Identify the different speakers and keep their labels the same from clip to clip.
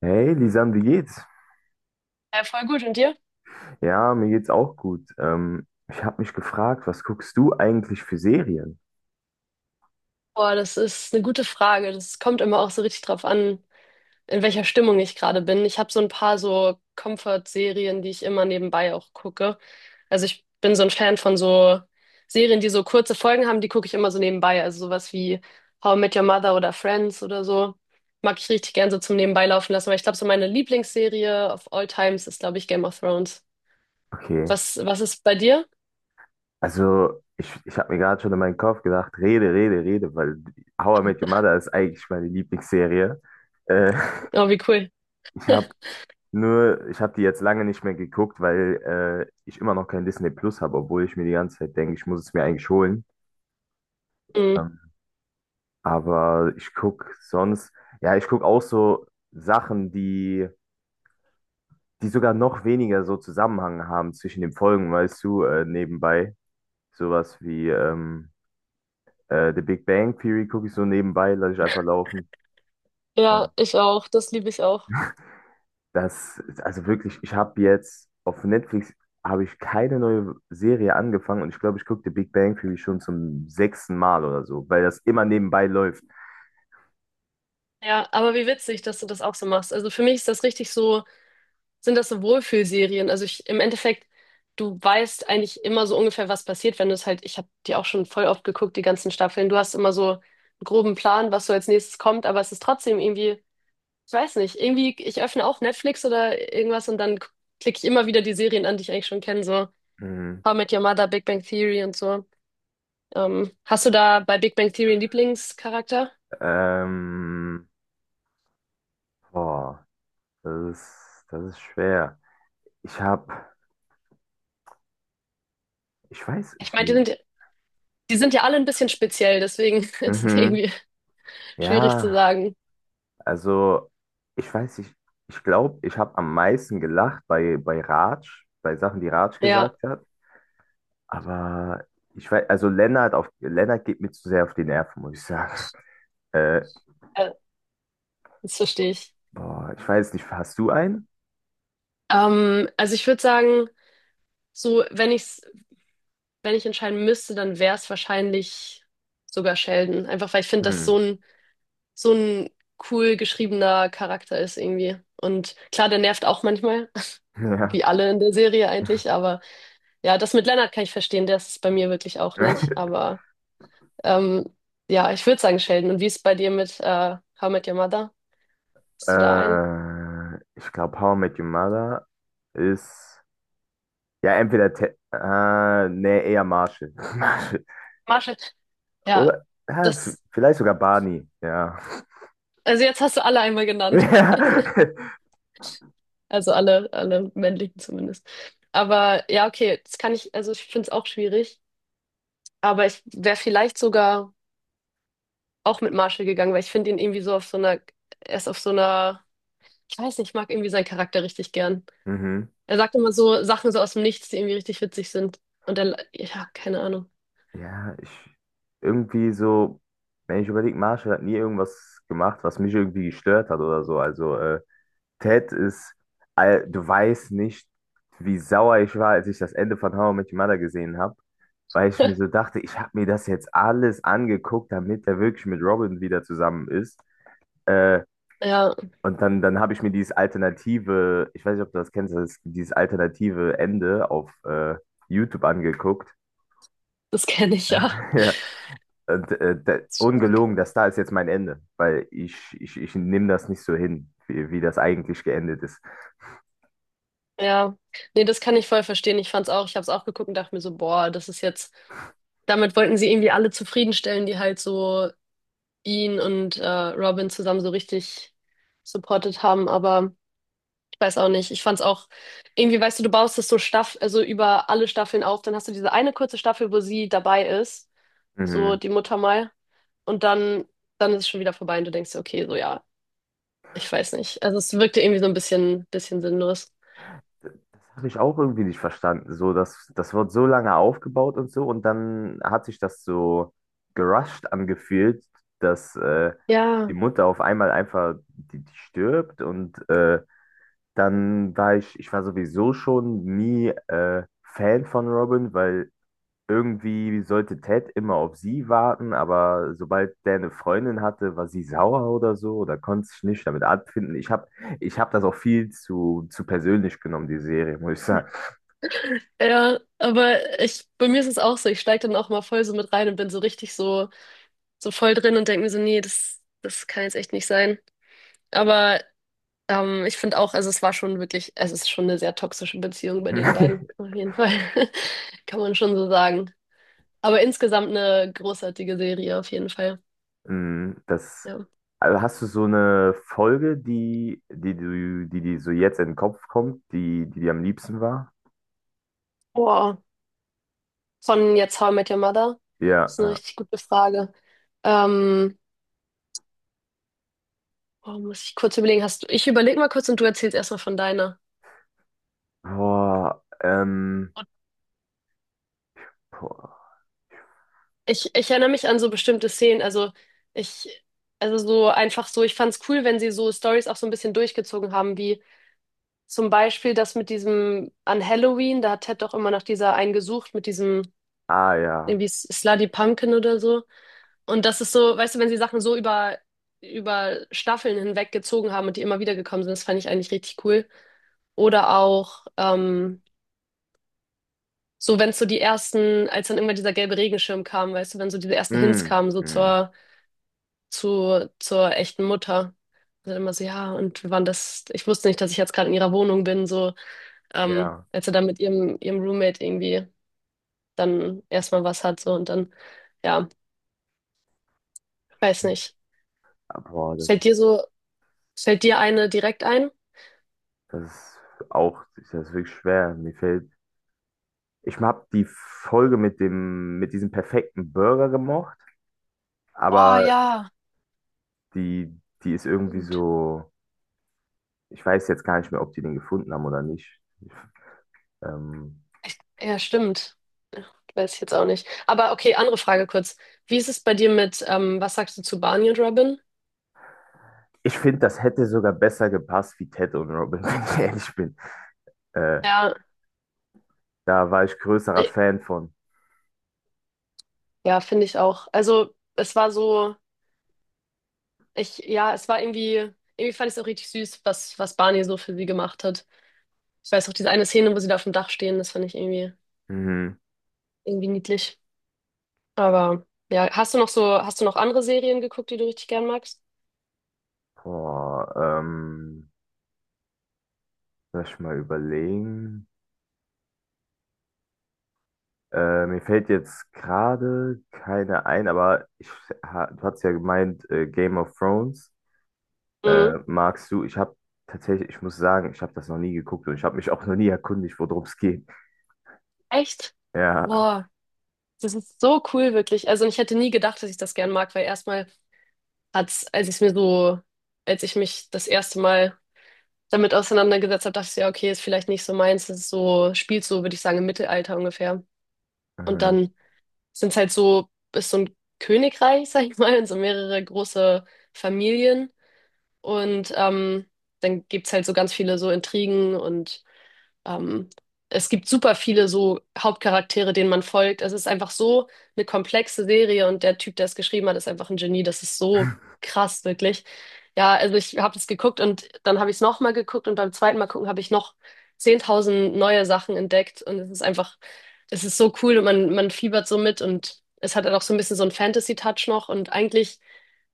Speaker 1: Hey, Lisan, wie geht's?
Speaker 2: Ja, voll gut. Und dir?
Speaker 1: Ja, mir geht's auch gut. Ich habe mich gefragt, was guckst du eigentlich für Serien?
Speaker 2: Boah, das ist eine gute Frage. Das kommt immer auch so richtig drauf an, in welcher Stimmung ich gerade bin. Ich habe so ein paar so Comfort-Serien, die ich immer nebenbei auch gucke. Also ich bin so ein Fan von so Serien, die so kurze Folgen haben, die gucke ich immer so nebenbei. Also sowas wie How I Met Your Mother oder Friends oder so. Mag ich richtig gern so zum Nebenbei laufen lassen. Aber ich glaube, so meine Lieblingsserie of all times ist, glaube ich, Game of Thrones.
Speaker 1: Okay,
Speaker 2: Was ist bei dir?
Speaker 1: also ich habe mir gerade schon in meinen Kopf gedacht, rede, rede, rede, weil How I Met Your Mother ist eigentlich meine Lieblingsserie. Äh,
Speaker 2: Oh, wie cool.
Speaker 1: Ich habe die jetzt lange nicht mehr geguckt, weil ich immer noch kein Disney Plus habe, obwohl ich mir die ganze Zeit denke, ich muss es mir eigentlich holen.
Speaker 2: Mhm.
Speaker 1: Ähm, aber ich guck sonst, ja, ich guck auch so Sachen, die sogar noch weniger so Zusammenhang haben zwischen den Folgen, weißt du, nebenbei. Sowas wie The Big Bang Theory gucke ich so nebenbei, lasse ich einfach laufen. Äh,
Speaker 2: Ja, ich auch. Das liebe ich auch.
Speaker 1: Das ist also wirklich, ich habe jetzt auf Netflix habe ich keine neue Serie angefangen und ich glaube, ich gucke The Big Bang Theory schon zum sechsten Mal oder so, weil das immer nebenbei läuft.
Speaker 2: Ja, aber wie witzig, dass du das auch so machst. Also für mich ist das richtig so, sind das so Wohlfühlserien. Also ich, im Endeffekt, du weißt eigentlich immer so ungefähr, was passiert, wenn du es halt, ich habe die auch schon voll oft geguckt, die ganzen Staffeln. Du hast immer so einen groben Plan, was so als nächstes kommt, aber es ist trotzdem irgendwie, ich weiß nicht, irgendwie, ich öffne auch Netflix oder irgendwas und dann klicke ich immer wieder die Serien an, die ich eigentlich schon kenne, so
Speaker 1: Mhm.
Speaker 2: How I Met Your Mother, Big Bang Theory und so. Hast du da bei Big Bang Theory einen Lieblingscharakter?
Speaker 1: Ähm, Boah, das ist schwer. Ich habe, ich weiß,
Speaker 2: Ich
Speaker 1: ich,
Speaker 2: meine, die sind ja alle ein bisschen speziell, deswegen ist es
Speaker 1: mhm,
Speaker 2: irgendwie schwierig zu
Speaker 1: ja.
Speaker 2: sagen.
Speaker 1: Also, ich weiß nicht, ich glaube, ich habe am meisten gelacht bei Raj, bei Sachen, die Raj
Speaker 2: Ja,
Speaker 1: gesagt hat. Aber ich weiß, also Lennart geht mir zu sehr auf die Nerven, muss ich sagen. Äh,
Speaker 2: äh, das verstehe ich.
Speaker 1: Boah, ich weiß nicht, hast du einen?
Speaker 2: Also ich würde sagen, so wenn ich entscheiden müsste, dann wäre es wahrscheinlich sogar Sheldon. Einfach weil ich finde, dass
Speaker 1: Hm,
Speaker 2: so ein cool geschriebener Charakter ist irgendwie. Und klar, der nervt auch manchmal,
Speaker 1: ja.
Speaker 2: wie alle in der Serie eigentlich. Aber ja, das mit Leonard kann ich verstehen, der ist es bei mir wirklich auch nicht. Aber ähm, ja, ich würde sagen Sheldon. Und wie ist es bei dir mit How I Met Your Mother? Hast du da einen?
Speaker 1: Ich glaube, How I Met Your Mother ist, ja, entweder, Te nee, eher Marshall. Marshall.
Speaker 2: Marshall. Ja,
Speaker 1: Oder, ja,
Speaker 2: das,
Speaker 1: vielleicht sogar Barney, ja.
Speaker 2: also jetzt hast du alle einmal genannt. Also alle männlichen zumindest. Aber ja, okay, das kann ich, also ich finde es auch schwierig. Aber ich wäre vielleicht sogar auch mit Marshall gegangen, weil ich finde ihn irgendwie so auf so einer, er ist auf so einer, ich weiß nicht, ich mag irgendwie seinen Charakter richtig gern.
Speaker 1: Ja. Mhm.
Speaker 2: Er sagt immer so Sachen so aus dem Nichts, die irgendwie richtig witzig sind. Und er, ja, keine Ahnung.
Speaker 1: Ja, ich irgendwie so, wenn ich überlege, Marshall hat nie irgendwas gemacht, was mich irgendwie gestört hat oder so. Also Ted ist, du weißt nicht, wie sauer ich war, als ich das Ende von How I Met Your Mother gesehen habe, weil ich mir so dachte, ich habe mir das jetzt alles angeguckt, damit er wirklich mit Robin wieder zusammen ist. Äh,
Speaker 2: Ja,
Speaker 1: und dann, dann habe ich mir dieses alternative, ich weiß nicht, ob du das kennst, das, dieses alternative Ende auf YouTube angeguckt.
Speaker 2: das kenne ich ja.
Speaker 1: Und, da, ungelogen, das da ist jetzt mein Ende, weil ich nehme das nicht so hin, wie das eigentlich geendet ist.
Speaker 2: Ja, nee, das kann ich voll verstehen. Ich fand's auch, ich hab's auch geguckt und dachte mir so, boah, das ist jetzt, damit wollten sie irgendwie alle zufriedenstellen, die halt so ihn und Robin zusammen so richtig supportet haben, aber ich weiß auch nicht. Ich fand's auch, irgendwie, weißt du, du baust das so Staff, also über alle Staffeln auf, dann hast du diese eine kurze Staffel, wo sie dabei ist, so
Speaker 1: Mhm.
Speaker 2: die Mutter mal, und dann ist es schon wieder vorbei und du denkst, dir, okay, so ja, ich weiß nicht. Also es wirkte irgendwie so ein bisschen sinnlos.
Speaker 1: Das habe ich auch irgendwie nicht verstanden. So, das wird so lange aufgebaut und so, und dann hat sich das so gerusht angefühlt, dass die
Speaker 2: Ja.
Speaker 1: Mutter auf einmal einfach die stirbt und dann war ich, ich war sowieso schon nie Fan von Robin, weil irgendwie sollte Ted immer auf sie warten, aber sobald der eine Freundin hatte, war sie sauer oder so oder konnte sich nicht damit abfinden. Ich hab das auch viel zu persönlich genommen, die Serie, muss ich sagen.
Speaker 2: Ja, aber ich, bei mir ist es auch so, ich steige dann auch mal voll so mit rein und bin so richtig so, so voll drin und denke mir so, nee, das kann jetzt echt nicht sein. Aber ich finde auch, also es war schon wirklich, es ist schon eine sehr toxische Beziehung bei den beiden, auf jeden Fall. Kann man schon so sagen. Aber insgesamt eine großartige Serie, auf jeden Fall.
Speaker 1: Mm, das,
Speaker 2: Ja.
Speaker 1: also hast du so eine Folge, die so jetzt in den Kopf kommt, die dir am liebsten war?
Speaker 2: Boah, von jetzt How I Met Your Mother? Das
Speaker 1: Ja.
Speaker 2: ist eine
Speaker 1: Ja.
Speaker 2: richtig gute Frage. Ähm, boah, muss ich kurz überlegen, hast du, ich überlege mal kurz und du erzählst erstmal von deiner.
Speaker 1: Boah, boah.
Speaker 2: Ich erinnere mich an so bestimmte Szenen. Ich, also so einfach so, ich fand's cool, wenn sie so Stories auch so ein bisschen durchgezogen haben, wie zum Beispiel das mit diesem an Halloween, da hat Ted doch immer nach dieser einen gesucht, mit diesem
Speaker 1: Ah ja.
Speaker 2: irgendwie Slutty Pumpkin oder so. Und das ist so, weißt du, wenn sie Sachen so über Staffeln hinweg gezogen haben und die immer wieder gekommen sind, das fand ich eigentlich richtig cool. Oder auch so, wenn so die ersten, als dann irgendwann dieser gelbe Regenschirm kam, weißt du, wenn so diese ersten Hints
Speaker 1: Mm,
Speaker 2: kamen, so
Speaker 1: mm,
Speaker 2: zur echten Mutter. Also immer so, ja, und wir waren das, ich wusste nicht, dass ich jetzt gerade in ihrer Wohnung bin, so,
Speaker 1: ja.
Speaker 2: als er dann mit ihrem Roommate irgendwie dann erstmal was hat, so, und dann, ja, weiß nicht.
Speaker 1: Ah, boah, das
Speaker 2: Fällt dir
Speaker 1: ist.
Speaker 2: so, Fällt dir eine direkt ein?
Speaker 1: Das ist auch, das ist wirklich schwer. Mir fällt. Ich habe die Folge mit dem, mit diesem perfekten Burger gemocht,
Speaker 2: Oh
Speaker 1: aber
Speaker 2: ja,
Speaker 1: die, die ist irgendwie
Speaker 2: stimmt.
Speaker 1: so. Ich weiß jetzt gar nicht mehr, ob die den gefunden haben oder nicht. Ich, ähm,
Speaker 2: Echt? Ja, stimmt. Ja, weiß ich jetzt auch nicht. Aber okay, andere Frage kurz. Wie ist es bei dir mit, was sagst du zu Barney und Robin?
Speaker 1: ich finde, das hätte sogar besser gepasst wie Ted und Robin, wenn ich ehrlich bin. Äh,
Speaker 2: Ja,
Speaker 1: Da war ich größerer
Speaker 2: äh,
Speaker 1: Fan von.
Speaker 2: ja, finde ich auch. Also, es war so. Ich, ja, es war irgendwie, irgendwie fand ich es auch richtig süß, was Barney so für sie gemacht hat. Ich weiß auch diese eine Szene, wo sie da auf dem Dach stehen, das fand ich irgendwie,
Speaker 1: Mhm.
Speaker 2: irgendwie niedlich. Aber ja, hast du noch so, hast du noch andere Serien geguckt, die du richtig gern magst?
Speaker 1: Boah, ähm, lass ich mal überlegen. Mir fällt jetzt gerade keine ein, aber ich, ha, du hast ja gemeint, Game of Thrones
Speaker 2: Mhm.
Speaker 1: magst du. Ich habe tatsächlich, ich muss sagen, ich habe das noch nie geguckt und ich habe mich auch noch nie erkundigt, worum es geht.
Speaker 2: Echt?
Speaker 1: Ja,
Speaker 2: Boah, das ist so cool, wirklich. Also, und ich hätte nie gedacht, dass ich das gern mag, weil erstmal hat's, als ich mich das erste Mal damit auseinandergesetzt habe, dachte ich, so, ja, okay, ist vielleicht nicht so meins, das ist so, spielt so, würde ich sagen, im Mittelalter ungefähr. Und
Speaker 1: mhm.
Speaker 2: dann sind halt so, ist so ein Königreich, sag ich mal, und so mehrere große Familien. Und dann gibt's halt so ganz viele so Intrigen und ähm, es gibt super viele so Hauptcharaktere, denen man folgt. Es ist einfach so eine komplexe Serie und der Typ, der es geschrieben hat, ist einfach ein Genie. Das ist so krass, wirklich. Ja, also ich habe es geguckt und dann habe ich es nochmal geguckt und beim zweiten Mal gucken habe ich noch 10.000 neue Sachen entdeckt und es ist einfach, es ist so cool und man fiebert so mit und es hat dann auch so ein bisschen so einen Fantasy-Touch noch und eigentlich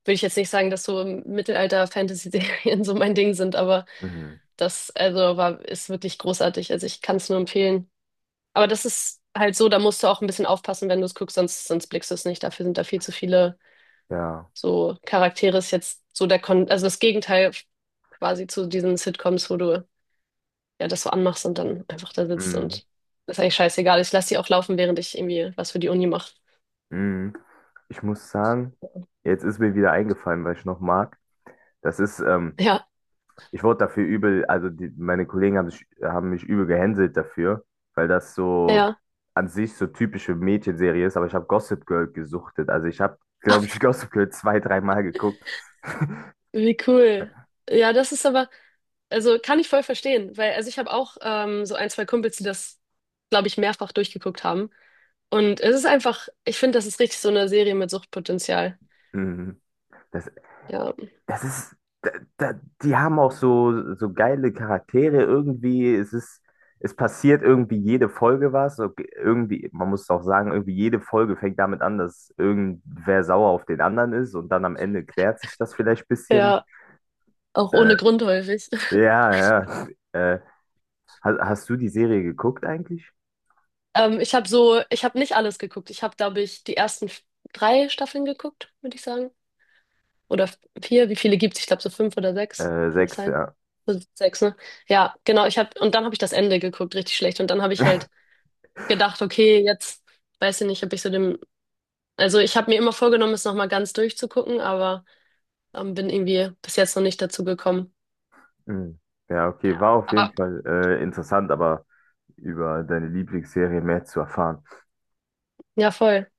Speaker 2: würde ich jetzt nicht sagen, dass so Mittelalter-Fantasy-Serien so mein Ding sind, aber
Speaker 1: Mhm.
Speaker 2: das also war, ist wirklich großartig. Also ich kann es nur empfehlen. Aber das ist halt so, da musst du auch ein bisschen aufpassen, wenn du es guckst, sonst blickst du es nicht. Dafür sind da viel zu viele
Speaker 1: Ja,
Speaker 2: so Charaktere. Ist jetzt so der Kon also das Gegenteil quasi zu diesen Sitcoms, wo du ja das so anmachst und dann einfach da sitzt
Speaker 1: mhm.
Speaker 2: und das ist eigentlich scheißegal. Ich lasse die auch laufen, während ich irgendwie was für die Uni mache.
Speaker 1: Mhm. Ich muss sagen, jetzt ist mir wieder eingefallen, weil ich noch mag. Das ist
Speaker 2: Ja,
Speaker 1: ich wurde dafür übel, also die, meine Kollegen haben mich übel gehänselt dafür, weil das so
Speaker 2: ja.
Speaker 1: an sich so typische Mädchenserie ist, aber ich habe Gossip Girl gesuchtet. Also ich habe, glaube ich, Gossip Girl zwei, dreimal geguckt.
Speaker 2: Wie cool. Ja, das ist aber, also kann ich voll verstehen, weil also ich habe auch so ein, zwei Kumpels, die das, glaube ich, mehrfach durchgeguckt haben. Und es ist einfach, ich finde, das ist richtig so eine Serie mit Suchtpotenzial.
Speaker 1: Mhm. Das,
Speaker 2: Ja,
Speaker 1: das ist, da, da, die haben auch so, so geile Charaktere irgendwie. Es ist, es passiert irgendwie jede Folge was. So, irgendwie, man muss auch sagen, irgendwie jede Folge fängt damit an, dass irgendwer sauer auf den anderen ist und dann am Ende klärt sich das vielleicht ein bisschen.
Speaker 2: ja, auch
Speaker 1: Äh,
Speaker 2: ohne Grund häufig.
Speaker 1: Ja, ja. Äh, hast du die Serie geguckt eigentlich?
Speaker 2: Ich habe so, ich habe nicht alles geguckt. Ich habe, glaube ich, die ersten drei Staffeln geguckt, würde ich sagen. Oder vier, wie viele gibt's? Ich glaube, so fünf oder sechs. Kann das
Speaker 1: Sechs,
Speaker 2: sein?
Speaker 1: ja.
Speaker 2: So sechs, ne? Ja, genau. Ich habe, und dann habe ich das Ende geguckt, richtig schlecht. Und dann habe ich halt gedacht, okay, jetzt weiß ich nicht, ob ich so dem, also ich habe mir immer vorgenommen, es nochmal ganz durchzugucken, aber bin irgendwie bis jetzt noch nicht dazu gekommen.
Speaker 1: Hm. Ja, okay,
Speaker 2: Ja.
Speaker 1: war auf jeden
Speaker 2: Aber
Speaker 1: Fall interessant, aber über deine Lieblingsserie mehr zu erfahren.
Speaker 2: ja, voll.